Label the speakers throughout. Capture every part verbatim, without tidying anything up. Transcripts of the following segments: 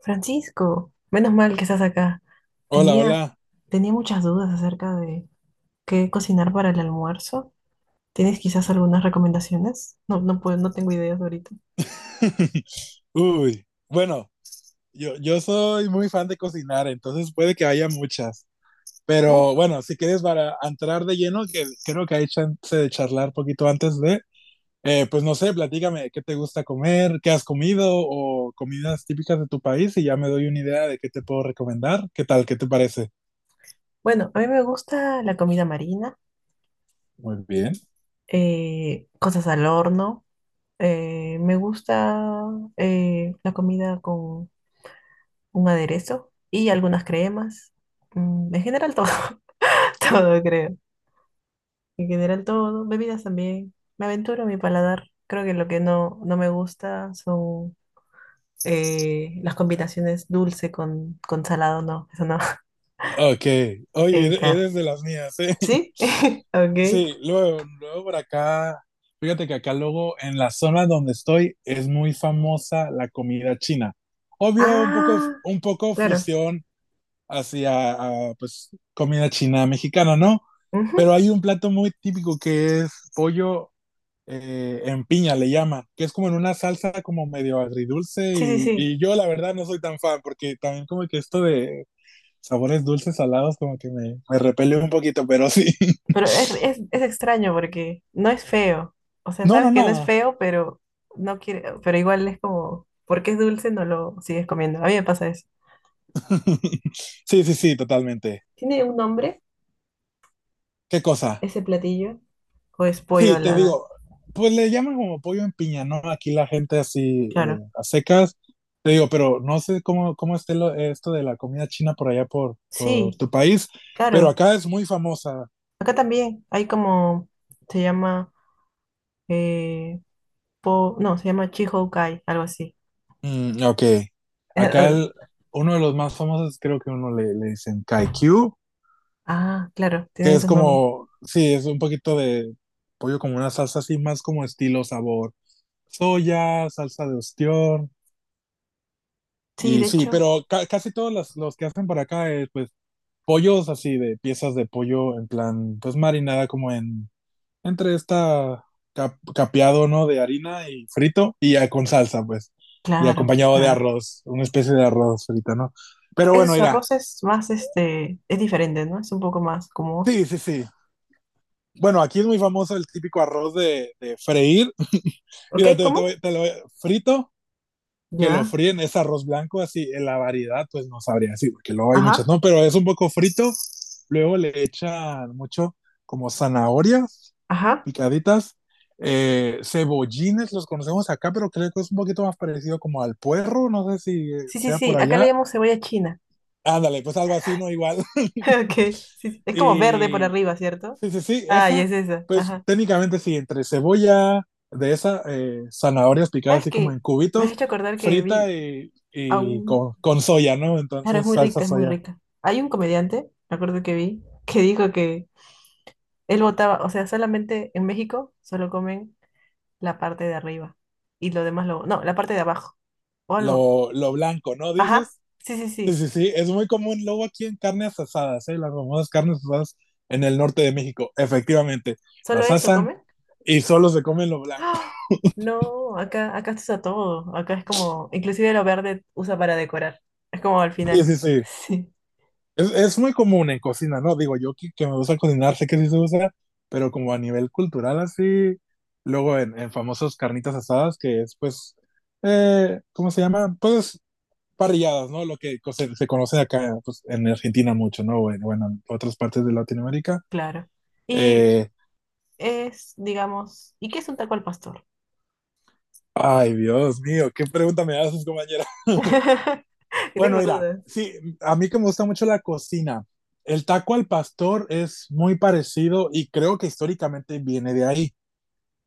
Speaker 1: Francisco, menos mal que estás acá.
Speaker 2: Hola,
Speaker 1: Tenía,
Speaker 2: hola.
Speaker 1: tenía muchas dudas acerca de qué cocinar para el almuerzo. ¿Tienes quizás algunas recomendaciones? No, no puedo, no tengo ideas ahorita.
Speaker 2: Uy, bueno, yo, yo soy muy fan de cocinar, entonces puede que haya muchas.
Speaker 1: Uh,
Speaker 2: Pero bueno, si quieres para entrar de lleno, que creo que hay chance de charlar poquito antes de, eh, pues no sé, platícame qué te gusta comer, qué has comido o comidas típicas de tu país y ya me doy una idea de qué te puedo recomendar. ¿Qué tal? ¿Qué te parece?
Speaker 1: bueno, a mí me gusta la comida marina,
Speaker 2: Muy bien.
Speaker 1: eh, cosas al horno. Eh, me gusta eh, la comida con un aderezo y algunas cremas. Mm, en general todo, todo creo. En general todo, bebidas también. Me aventuro a mi paladar. Creo que lo que no, no me gusta son eh, las combinaciones dulce con, con salado, no, eso no,
Speaker 2: Ok, oye,
Speaker 1: evitar.
Speaker 2: eres de las mías, ¿eh?
Speaker 1: ¿Sí?
Speaker 2: Sí,
Speaker 1: Ok.
Speaker 2: luego, luego por acá, fíjate que acá luego en la zona donde estoy es muy famosa la comida china. Obvio, un poco,
Speaker 1: Ah,
Speaker 2: un poco
Speaker 1: claro.
Speaker 2: fusión hacia ah, pues, comida china mexicana, ¿no?
Speaker 1: Ujú.
Speaker 2: Pero hay un plato muy típico que es pollo eh, en piña, le llaman, que es como en una salsa como medio agridulce
Speaker 1: Sí, sí,
Speaker 2: y,
Speaker 1: sí.
Speaker 2: y yo la verdad no soy tan fan porque también como que esto de sabores dulces, salados, como que me, me repele un poquito, pero sí.
Speaker 1: Pero es, es, es extraño porque no es feo. O sea,
Speaker 2: No, no,
Speaker 1: sabes que no es
Speaker 2: no.
Speaker 1: feo, pero no quiere, pero igual es como, porque es dulce, no lo sigues comiendo. A mí me pasa eso.
Speaker 2: Sí, sí, sí, totalmente.
Speaker 1: ¿Tiene un nombre
Speaker 2: ¿Qué cosa?
Speaker 1: ese platillo? ¿O es pollo
Speaker 2: Sí,
Speaker 1: a
Speaker 2: te
Speaker 1: lana?
Speaker 2: digo, pues le llaman como pollo en piña, ¿no? Aquí la gente así eh,
Speaker 1: Claro.
Speaker 2: a secas. Te digo, pero no sé cómo, cómo esté lo- esto de la comida china por allá por, por
Speaker 1: Sí,
Speaker 2: tu país, pero
Speaker 1: claro.
Speaker 2: acá es muy famosa.
Speaker 1: Acá también hay como, se llama, eh, po- no, se llama Chihoukai, algo así.
Speaker 2: Mm, ok. Acá el- Uno de los más famosos, creo que uno le, le dicen Kaikyu,
Speaker 1: Ah, claro, tiene
Speaker 2: que es
Speaker 1: esos nombres.
Speaker 2: como, sí, es un poquito de pollo como una salsa así, más como estilo sabor soya, salsa de ostión.
Speaker 1: Sí,
Speaker 2: Y
Speaker 1: de
Speaker 2: sí,
Speaker 1: hecho,
Speaker 2: pero ca- casi todos los, los que hacen para acá es pues pollos así de piezas de pollo en plan pues marinada como en entre esta cap- capeado, ¿no? De harina y frito y ya con salsa pues y
Speaker 1: claro,
Speaker 2: acompañado de
Speaker 1: claro.
Speaker 2: arroz, una especie de arroz frito, ¿no? Pero bueno,
Speaker 1: Ese
Speaker 2: mira,
Speaker 1: arroz es más, este, es diferente, ¿no? Es un poco más gomoso.
Speaker 2: sí, sí, sí. Bueno, aquí es muy famoso el típico arroz de, de freír.
Speaker 1: ¿Ok?
Speaker 2: Mira, te, te
Speaker 1: ¿Cómo?
Speaker 2: voy- te lo voy- frito que lo
Speaker 1: Ya.
Speaker 2: fríen es arroz blanco, así, en la variedad, pues no sabría así, porque luego hay muchas,
Speaker 1: Ajá,
Speaker 2: no, pero es un poco frito, luego le echan mucho como zanahorias
Speaker 1: ajá.
Speaker 2: picaditas, eh, cebollines, los conocemos acá, pero creo que es un poquito más parecido como al puerro, no sé si
Speaker 1: Sí, sí,
Speaker 2: sea
Speaker 1: sí,
Speaker 2: por
Speaker 1: acá le
Speaker 2: allá,
Speaker 1: llamamos cebolla china.
Speaker 2: ándale, pues algo así, no igual,
Speaker 1: Ok, sí, sí. Es como verde por
Speaker 2: y
Speaker 1: arriba, ¿cierto?
Speaker 2: sí, sí, sí,
Speaker 1: Ah, y
Speaker 2: esa,
Speaker 1: es esa,
Speaker 2: pues
Speaker 1: ajá.
Speaker 2: técnicamente sí, entre cebolla de esa, eh, zanahorias picadas
Speaker 1: ¿Sabes
Speaker 2: así como en
Speaker 1: qué? Me has
Speaker 2: cubitos,
Speaker 1: hecho acordar que vi
Speaker 2: frita y,
Speaker 1: a
Speaker 2: y
Speaker 1: un...
Speaker 2: con, con soya, ¿no?
Speaker 1: Claro, es
Speaker 2: Entonces,
Speaker 1: muy
Speaker 2: salsa
Speaker 1: rica, es muy
Speaker 2: soya.
Speaker 1: rica. Hay un comediante, me acuerdo que vi, que dijo que él votaba, o sea, solamente en México solo comen la parte de arriba y lo demás lo... No, la parte de abajo o algo.
Speaker 2: Lo, lo blanco, ¿no?
Speaker 1: Ajá,
Speaker 2: Dices.
Speaker 1: sí, sí,
Speaker 2: Sí,
Speaker 1: sí.
Speaker 2: sí, sí, es muy común luego aquí en carnes asadas, ¿eh? Las famosas carnes asadas en el norte de México, efectivamente.
Speaker 1: ¿Solo
Speaker 2: Las
Speaker 1: eso
Speaker 2: asan
Speaker 1: comen?
Speaker 2: y solo se comen lo blanco.
Speaker 1: ¡Ah! No, acá, acá se usa todo. Acá es como, inclusive lo verde usa para decorar. Es como al
Speaker 2: Sí,
Speaker 1: final.
Speaker 2: sí, sí.
Speaker 1: Sí,
Speaker 2: Es, es muy común en cocina, ¿no? Digo, yo que, que me gusta cocinar, sé que sí se usa, pero como a nivel cultural así, luego en, en famosos carnitas asadas, que es pues, eh, ¿cómo se llama? Pues parrilladas, ¿no? Lo que co- se, se conoce acá pues, en Argentina mucho, ¿no? Bueno, bueno, en otras partes de Latinoamérica.
Speaker 1: claro. Y
Speaker 2: Eh,
Speaker 1: es, digamos, ¿y qué es un taco al pastor?
Speaker 2: ay, Dios mío, qué pregunta me haces, compañera.
Speaker 1: Que
Speaker 2: Bueno,
Speaker 1: tengo
Speaker 2: mira,
Speaker 1: dudas.
Speaker 2: sí, a mí que me gusta mucho la cocina, el taco al pastor es muy parecido y creo que históricamente viene de ahí.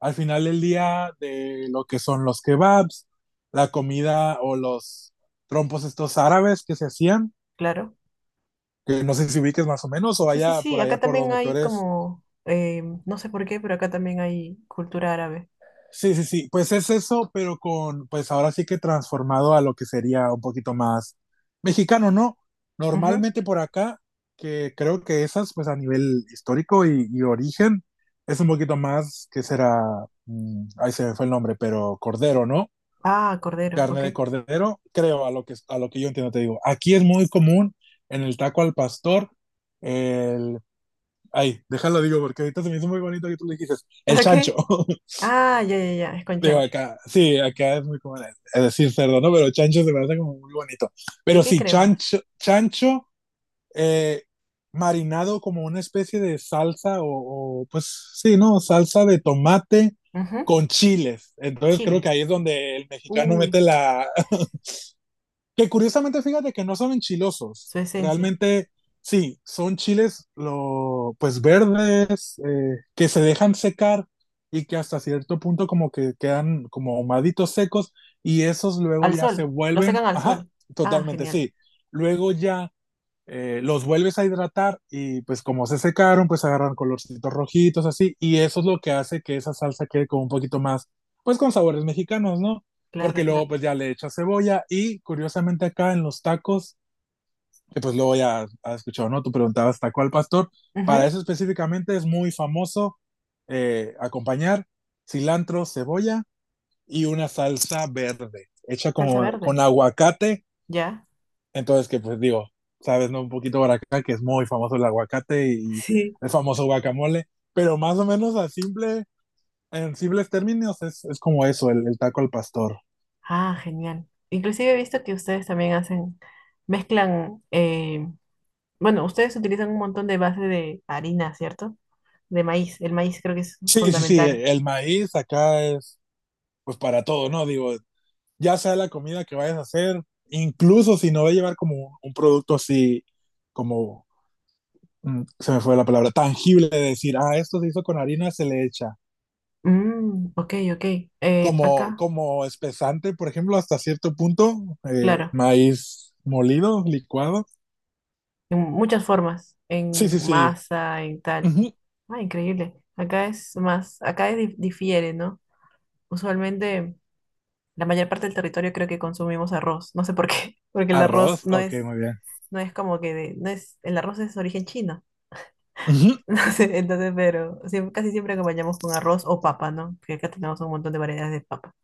Speaker 2: Al final del día de lo que son los kebabs, la comida o los trompos estos árabes que se hacían,
Speaker 1: Claro.
Speaker 2: que no sé si ubiques más o menos o
Speaker 1: Sí, sí,
Speaker 2: allá
Speaker 1: sí,
Speaker 2: por allá
Speaker 1: acá
Speaker 2: por
Speaker 1: también
Speaker 2: donde tú
Speaker 1: hay
Speaker 2: eres.
Speaker 1: como, eh, no sé por qué, pero acá también hay cultura árabe.
Speaker 2: Sí, sí, sí, pues es eso, pero con, pues ahora sí que transformado a lo que sería un poquito más mexicano, ¿no?
Speaker 1: Ujú.
Speaker 2: Normalmente por acá, que creo que esas, pues a nivel histórico y, y origen, es un poquito más que será, mm, ahí se me fue el nombre, pero cordero, ¿no?
Speaker 1: Ah, cordero,
Speaker 2: Carne
Speaker 1: ok.
Speaker 2: de cordero, creo, a lo que, a lo que yo entiendo, te digo. Aquí es muy común en el taco al pastor, el... Ay, déjalo digo, porque ahorita se me hizo muy bonito que tú le dijiste, el
Speaker 1: Ok.
Speaker 2: chancho.
Speaker 1: Ah, ya, ya, ya, es con
Speaker 2: Digo,
Speaker 1: chancho.
Speaker 2: acá, sí, acá es muy común es decir cerdo, ¿no? Pero chancho se me hace como muy bonito.
Speaker 1: ¿Y
Speaker 2: Pero
Speaker 1: qué
Speaker 2: sí,
Speaker 1: cremas?
Speaker 2: chancho, chancho eh, marinado como una especie de salsa o, o, pues sí, ¿no? Salsa de tomate
Speaker 1: Ujú.
Speaker 2: con chiles. Entonces creo que ahí es
Speaker 1: Chiles.
Speaker 2: donde el mexicano mete
Speaker 1: Uy,
Speaker 2: la, que curiosamente, fíjate que no son enchilosos
Speaker 1: su esencia.
Speaker 2: realmente, sí, son chiles lo, pues verdes, eh, que se dejan secar y que hasta cierto punto como que quedan como ahumaditos secos y esos luego
Speaker 1: Al
Speaker 2: ya se
Speaker 1: sol, lo
Speaker 2: vuelven,
Speaker 1: secan al
Speaker 2: ajá,
Speaker 1: sol. Ah,
Speaker 2: totalmente,
Speaker 1: genial.
Speaker 2: sí. Luego ya eh, los vuelves a hidratar y pues como se secaron, pues agarran colorcitos rojitos así y eso es lo que hace que esa salsa quede como un poquito más, pues con sabores mexicanos, ¿no?
Speaker 1: Claro,
Speaker 2: Porque luego
Speaker 1: claro.
Speaker 2: pues ya le echas cebolla y curiosamente acá en los tacos, que pues luego ya has escuchado, ¿no? Tú preguntabas taco al pastor, para
Speaker 1: Ujú.
Speaker 2: eso específicamente es muy famoso eh, acompañar cilantro, cebolla y una salsa verde hecha
Speaker 1: Salsa
Speaker 2: como
Speaker 1: verde.
Speaker 2: con aguacate
Speaker 1: Ya.
Speaker 2: entonces, que pues digo, sabes, ¿no? Un poquito por acá, que es muy famoso el aguacate y
Speaker 1: Sí.
Speaker 2: el famoso guacamole, pero más o menos a simple, en simples términos es, es como eso, el, el taco al pastor.
Speaker 1: Ah, genial. Inclusive he visto que ustedes también hacen, mezclan eh, bueno, ustedes utilizan un montón de base de harina, ¿cierto? De maíz. El maíz creo que es
Speaker 2: Sí, sí, sí,
Speaker 1: fundamental.
Speaker 2: el maíz acá es pues para todo, ¿no? Digo, ya sea la comida que vayas a hacer, incluso si no va a llevar como un, un producto así, como, mm, se me fue la palabra, tangible, de decir, ah, esto se hizo con harina, se le echa,
Speaker 1: Mm, ok, ok. Eh,
Speaker 2: como,
Speaker 1: acá,
Speaker 2: como espesante, por ejemplo, hasta cierto punto, eh,
Speaker 1: claro,
Speaker 2: maíz molido, licuado.
Speaker 1: en muchas formas,
Speaker 2: Sí, sí,
Speaker 1: en
Speaker 2: sí.
Speaker 1: masa, en tal.
Speaker 2: Ujú.
Speaker 1: Ah, increíble. Acá es más, acá es dif- difiere, ¿no? Usualmente la mayor parte del territorio creo que consumimos arroz. No sé por qué, porque el arroz
Speaker 2: Arroz,
Speaker 1: no
Speaker 2: ok,
Speaker 1: es,
Speaker 2: muy bien.
Speaker 1: no es como que de, no es, el arroz es origen chino.
Speaker 2: Ujú.
Speaker 1: No sé, entonces, pero siem- casi siempre acompañamos con arroz o papa, ¿no? Porque acá tenemos un montón de variedades de papa.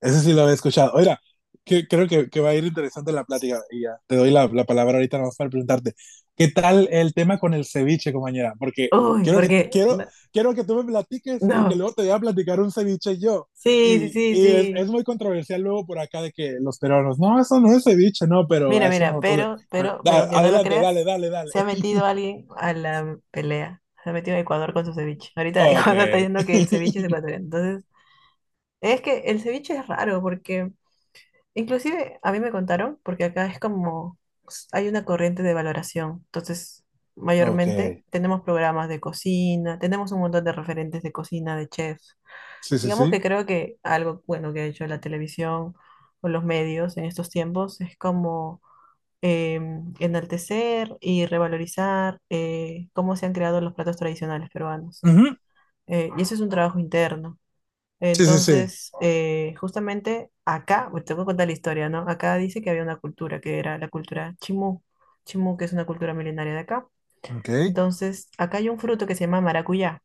Speaker 2: Ese sí lo había escuchado. Oiga, que, creo que, que va a ir interesante la plática. Y ya te doy la, la palabra ahorita nomás para preguntarte. ¿Qué tal el tema con el ceviche, compañera? Porque
Speaker 1: Uy,
Speaker 2: quiero que,
Speaker 1: porque
Speaker 2: quiero,
Speaker 1: no,
Speaker 2: quiero que tú me platiques, porque
Speaker 1: no.
Speaker 2: luego te voy a platicar un ceviche yo.
Speaker 1: Sí, sí,
Speaker 2: Y,
Speaker 1: sí,
Speaker 2: y es, es
Speaker 1: sí.
Speaker 2: muy controversial luego por acá de que los peruanos, no, eso no es ceviche, no, pero
Speaker 1: Mira,
Speaker 2: a eso
Speaker 1: mira,
Speaker 2: nosotros.
Speaker 1: pero,
Speaker 2: Le-
Speaker 1: pero, pero
Speaker 2: da-
Speaker 1: aunque no lo
Speaker 2: adelante, dale,
Speaker 1: creas,
Speaker 2: dale, dale.
Speaker 1: se ha metido alguien a la pelea. Se ha metido a Ecuador con su ceviche. Ahorita
Speaker 2: Ok,
Speaker 1: Ecuador está diciendo que el ceviche es ecuatoriano. Entonces, es que el ceviche es raro porque, inclusive a mí me contaron, porque acá es como, s- hay una corriente de valoración. Entonces,
Speaker 2: ok.
Speaker 1: mayormente tenemos programas de cocina, tenemos un montón de referentes de cocina, de chefs.
Speaker 2: Sí, sí,
Speaker 1: Digamos
Speaker 2: sí.
Speaker 1: que creo que algo bueno que ha hecho la televisión o los medios en estos tiempos es como em, enaltecer y revalorizar eh, cómo se han creado los platos tradicionales peruanos.
Speaker 2: Ujú.
Speaker 1: Eh, y eso es un trabajo interno.
Speaker 2: Sí, sí, sí.
Speaker 1: Entonces, eh, justamente acá, pues, te voy a contar la historia, ¿no? Acá dice que había una cultura, que era la cultura chimú. Chimú, que es una cultura milenaria de acá.
Speaker 2: Ok.
Speaker 1: Entonces, acá hay un fruto que se llama maracuyá,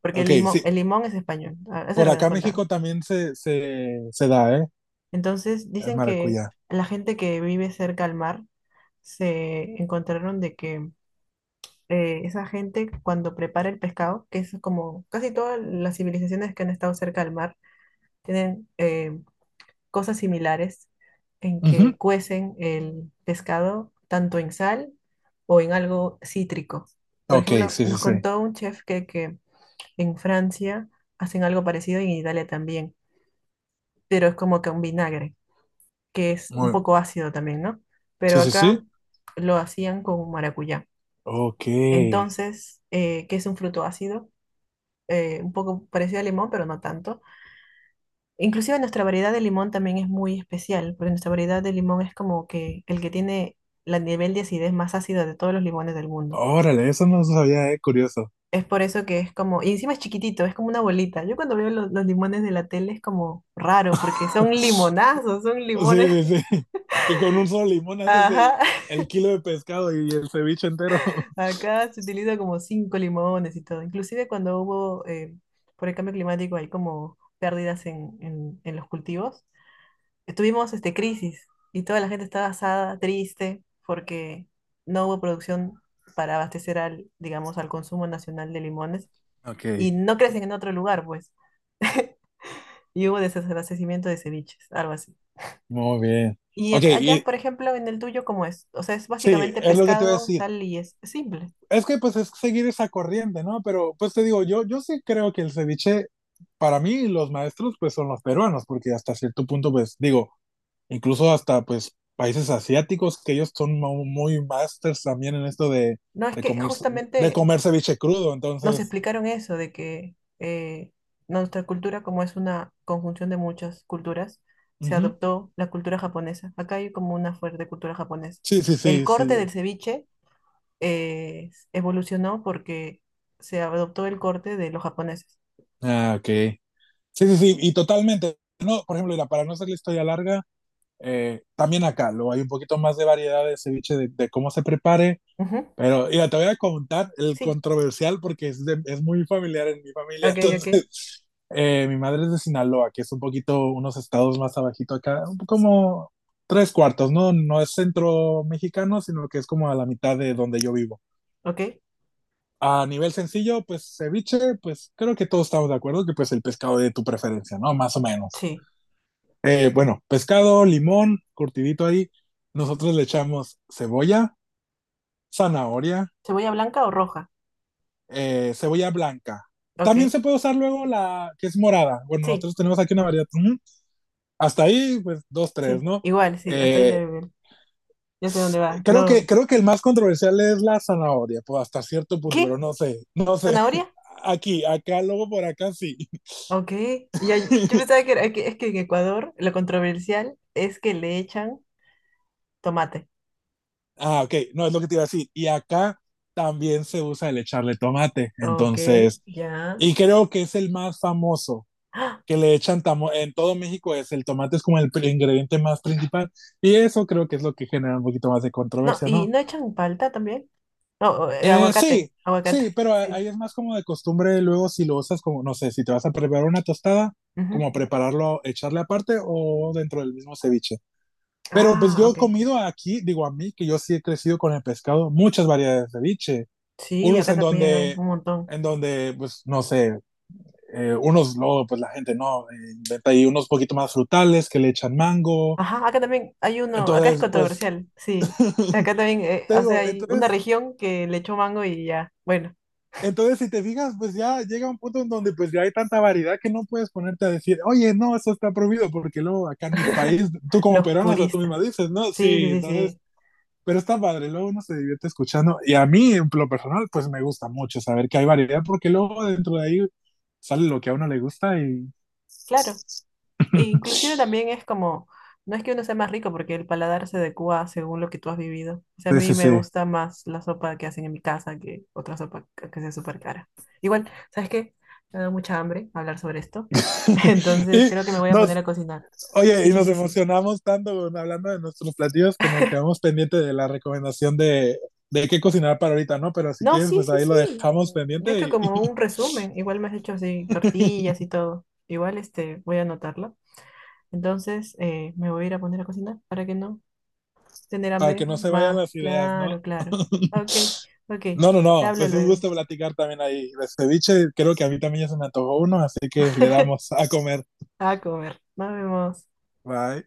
Speaker 1: porque el
Speaker 2: Ok,
Speaker 1: limón,
Speaker 2: sí,
Speaker 1: el limón es español. Ah, eso es
Speaker 2: por
Speaker 1: lo que nos
Speaker 2: acá en
Speaker 1: contaba.
Speaker 2: México también se, se, se da, ¿eh?
Speaker 1: Entonces
Speaker 2: El
Speaker 1: dicen que
Speaker 2: maracuyá.
Speaker 1: la gente que vive cerca al mar se encontraron de que eh, esa gente cuando prepara el pescado, que es como casi todas las civilizaciones que han estado cerca del mar, tienen eh, cosas similares en
Speaker 2: Ujú.
Speaker 1: que cuecen el pescado tanto en sal o en algo cítrico. Por
Speaker 2: Ok,
Speaker 1: ejemplo,
Speaker 2: sí, sí,
Speaker 1: nos
Speaker 2: sí.
Speaker 1: contó un chef que, que en Francia hacen algo parecido y en Italia también, pero es como que un vinagre. Que es un
Speaker 2: Muy,
Speaker 1: poco ácido también, ¿no?
Speaker 2: sí,
Speaker 1: Pero
Speaker 2: sí,
Speaker 1: acá
Speaker 2: sí.
Speaker 1: lo hacían con maracuyá.
Speaker 2: Ok.
Speaker 1: Entonces, eh, que es un fruto ácido, eh, un poco parecido al limón, pero no tanto. Inclusive nuestra variedad de limón también es muy especial, porque nuestra variedad de limón es como que el que tiene el nivel de acidez más ácido de todos los limones del mundo.
Speaker 2: Órale, eso no lo sabía, ¿eh? Curioso.
Speaker 1: Es por eso que es como, y encima es chiquitito, es como una bolita. Yo cuando veo lo- los limones de la tele es como raro, porque son limonazos, son
Speaker 2: Sí,
Speaker 1: limones.
Speaker 2: sí, sí. Que con un solo limón haces el,
Speaker 1: Ajá.
Speaker 2: el kilo de pescado y el ceviche entero.
Speaker 1: Acá se utiliza como cinco limones y todo. Inclusive cuando hubo, eh, por el cambio climático, hay como pérdidas en, en- en los cultivos. Tuvimos este, crisis y toda la gente estaba asada, triste, porque no hubo producción para abastecer al, digamos, al consumo nacional de limones y
Speaker 2: Ok,
Speaker 1: no crecen en otro lugar, pues. Y hubo desabastecimiento de ceviches, algo así.
Speaker 2: muy bien.
Speaker 1: Y
Speaker 2: Ok,
Speaker 1: acá, allá,
Speaker 2: y
Speaker 1: por ejemplo, en el tuyo, ¿cómo es? O sea, es
Speaker 2: sí,
Speaker 1: básicamente
Speaker 2: es lo que te iba a
Speaker 1: pescado,
Speaker 2: decir.
Speaker 1: sal y es simple.
Speaker 2: Es que pues es seguir esa corriente, ¿no? Pero pues te digo, yo, yo sí creo que el ceviche, para mí los maestros pues son los peruanos, porque hasta cierto punto pues digo, incluso hasta pues países asiáticos, que ellos son mu- muy masters también en esto de,
Speaker 1: No, es
Speaker 2: de
Speaker 1: que
Speaker 2: comer, de
Speaker 1: justamente
Speaker 2: comer ceviche crudo,
Speaker 1: nos
Speaker 2: entonces,
Speaker 1: explicaron eso, de que eh, nuestra cultura, como es una conjunción de muchas culturas, se
Speaker 2: ujú.
Speaker 1: adoptó la cultura japonesa. Acá hay como una fuerte cultura japonesa.
Speaker 2: Sí, sí,
Speaker 1: El
Speaker 2: sí,
Speaker 1: corte del
Speaker 2: sí.
Speaker 1: ceviche eh, evolucionó porque se adoptó el corte de los japoneses.
Speaker 2: Ah, ok. Sí, sí, sí, y totalmente. No, por ejemplo, mira, para no hacer la historia larga, eh, también acá lo hay un poquito más de variedad de ceviche de, de cómo se prepare.
Speaker 1: Ujú,
Speaker 2: Pero, mira, te voy a contar el
Speaker 1: sí,
Speaker 2: controversial porque es, de- es muy familiar en mi familia.
Speaker 1: ok, ok,
Speaker 2: Entonces, eh, mi madre es de Sinaloa, que es un poquito, unos estados más abajito acá, un poco como tres cuartos, ¿no? No es centro mexicano, sino que es como a la mitad de donde yo vivo.
Speaker 1: ok,
Speaker 2: A nivel sencillo, pues ceviche, pues creo que todos estamos de acuerdo que pues el pescado de tu preferencia, ¿no? Más o menos.
Speaker 1: sí.
Speaker 2: Eh, bueno, pescado, limón, curtidito ahí. Nosotros le echamos cebolla, zanahoria,
Speaker 1: ¿Cebolla blanca o roja?
Speaker 2: eh, cebolla blanca. También
Speaker 1: Ok,
Speaker 2: se puede usar luego la que es morada. Bueno,
Speaker 1: sí,
Speaker 2: nosotros tenemos aquí una variedad. Ujú. Hasta ahí, pues dos, tres,
Speaker 1: sí,
Speaker 2: ¿no?
Speaker 1: igual, sí, hasta ahí te
Speaker 2: Eh,
Speaker 1: veo bien. Ya sé dónde va.
Speaker 2: creo que,
Speaker 1: No.
Speaker 2: creo que el más controversial es la zanahoria, pues hasta cierto punto, pero
Speaker 1: ¿Qué?
Speaker 2: no sé, no sé.
Speaker 1: ¿Zanahoria?
Speaker 2: Aquí, acá, luego por acá sí.
Speaker 1: Ok, y ahí- yo pensaba que, era, que es que en Ecuador lo controversial es que le echan tomate.
Speaker 2: Ah, ok, no es lo que te iba a decir. Y acá también se usa el echarle tomate,
Speaker 1: Ok,
Speaker 2: entonces,
Speaker 1: ya.
Speaker 2: y creo que es el más famoso.
Speaker 1: ¡Ah!
Speaker 2: Que le echan tamo en todo México es el tomate es como el pri- ingrediente más principal y eso creo que es lo que genera un poquito más de
Speaker 1: No,
Speaker 2: controversia,
Speaker 1: y
Speaker 2: ¿no?
Speaker 1: no echan palta también. No, o, eh,
Speaker 2: Eh,
Speaker 1: aguacate,
Speaker 2: sí,
Speaker 1: aguacate.
Speaker 2: sí, pero a- ahí
Speaker 1: Sí.
Speaker 2: es más como de costumbre luego si lo usas como, no sé, si te vas a preparar una tostada,
Speaker 1: Ujú.
Speaker 2: como prepararlo, echarle aparte o dentro del mismo ceviche. Pero pues
Speaker 1: Ah,
Speaker 2: yo he
Speaker 1: ok.
Speaker 2: comido aquí, digo a mí, que yo sí he crecido con el pescado, muchas variedades de ceviche,
Speaker 1: Sí,
Speaker 2: unos
Speaker 1: acá
Speaker 2: en
Speaker 1: también hay
Speaker 2: donde,
Speaker 1: un montón.
Speaker 2: en donde, pues no sé, Eh, unos, luego, pues la gente no, eh, inventa ahí unos poquito más frutales que le echan mango.
Speaker 1: Ajá, acá también hay uno, acá es
Speaker 2: Entonces, pues,
Speaker 1: controversial, sí. Acá también, eh,
Speaker 2: te
Speaker 1: o sea,
Speaker 2: digo,
Speaker 1: hay una
Speaker 2: entonces,
Speaker 1: región que le echó mango y ya, bueno,
Speaker 2: entonces si te fijas, pues ya llega un punto en donde pues ya hay tanta variedad que no puedes ponerte a decir, oye, no, eso está prohibido, porque luego acá en mi país, tú como
Speaker 1: los
Speaker 2: peruano, hasta tú misma
Speaker 1: puristas.
Speaker 2: dices, ¿no?
Speaker 1: Sí, sí,
Speaker 2: Sí,
Speaker 1: sí,
Speaker 2: entonces,
Speaker 1: sí,
Speaker 2: pero está padre, luego uno se divierte escuchando. Y a mí, en lo personal, pues me gusta mucho saber que hay variedad, porque luego dentro de ahí sale lo que a uno le gusta y...
Speaker 1: claro. E inclusive también es como, no es que uno sea más rico porque el paladar se adecua según lo que tú has vivido. O sea, a
Speaker 2: sí,
Speaker 1: mí
Speaker 2: sí,
Speaker 1: me
Speaker 2: sí.
Speaker 1: gusta más la sopa que hacen en mi casa que otra sopa que que sea súper cara. Igual, ¿sabes qué? Me da mucha hambre hablar sobre esto. Entonces
Speaker 2: Y
Speaker 1: creo que me voy a poner
Speaker 2: nos,
Speaker 1: a cocinar.
Speaker 2: oye, y
Speaker 1: Sí, sí,
Speaker 2: nos
Speaker 1: sí, sí.
Speaker 2: emocionamos tanto bueno, hablando de nuestros platillos que nos quedamos pendiente de la recomendación de, de qué cocinar para ahorita, ¿no? Pero si
Speaker 1: No,
Speaker 2: quieres,
Speaker 1: sí,
Speaker 2: pues
Speaker 1: sí,
Speaker 2: ahí lo
Speaker 1: sí.
Speaker 2: dejamos
Speaker 1: Yo he hecho
Speaker 2: pendiente y,
Speaker 1: como
Speaker 2: y
Speaker 1: un resumen. Igual me has hecho así tortillas y todo. Igual este, voy a anotarlo. Entonces eh, me voy a ir a poner a cocinar para que no tener
Speaker 2: para que
Speaker 1: hambre
Speaker 2: no se vayan
Speaker 1: más.
Speaker 2: las ideas, ¿no?
Speaker 1: Claro, claro. Ok, ok.
Speaker 2: No, no,
Speaker 1: Te
Speaker 2: no,
Speaker 1: hablo
Speaker 2: pues un
Speaker 1: luego.
Speaker 2: gusto platicar también ahí. De ceviche, creo que a mí también ya se me antojó uno, así que le damos a comer.
Speaker 1: A comer. Nos vemos.
Speaker 2: Bye.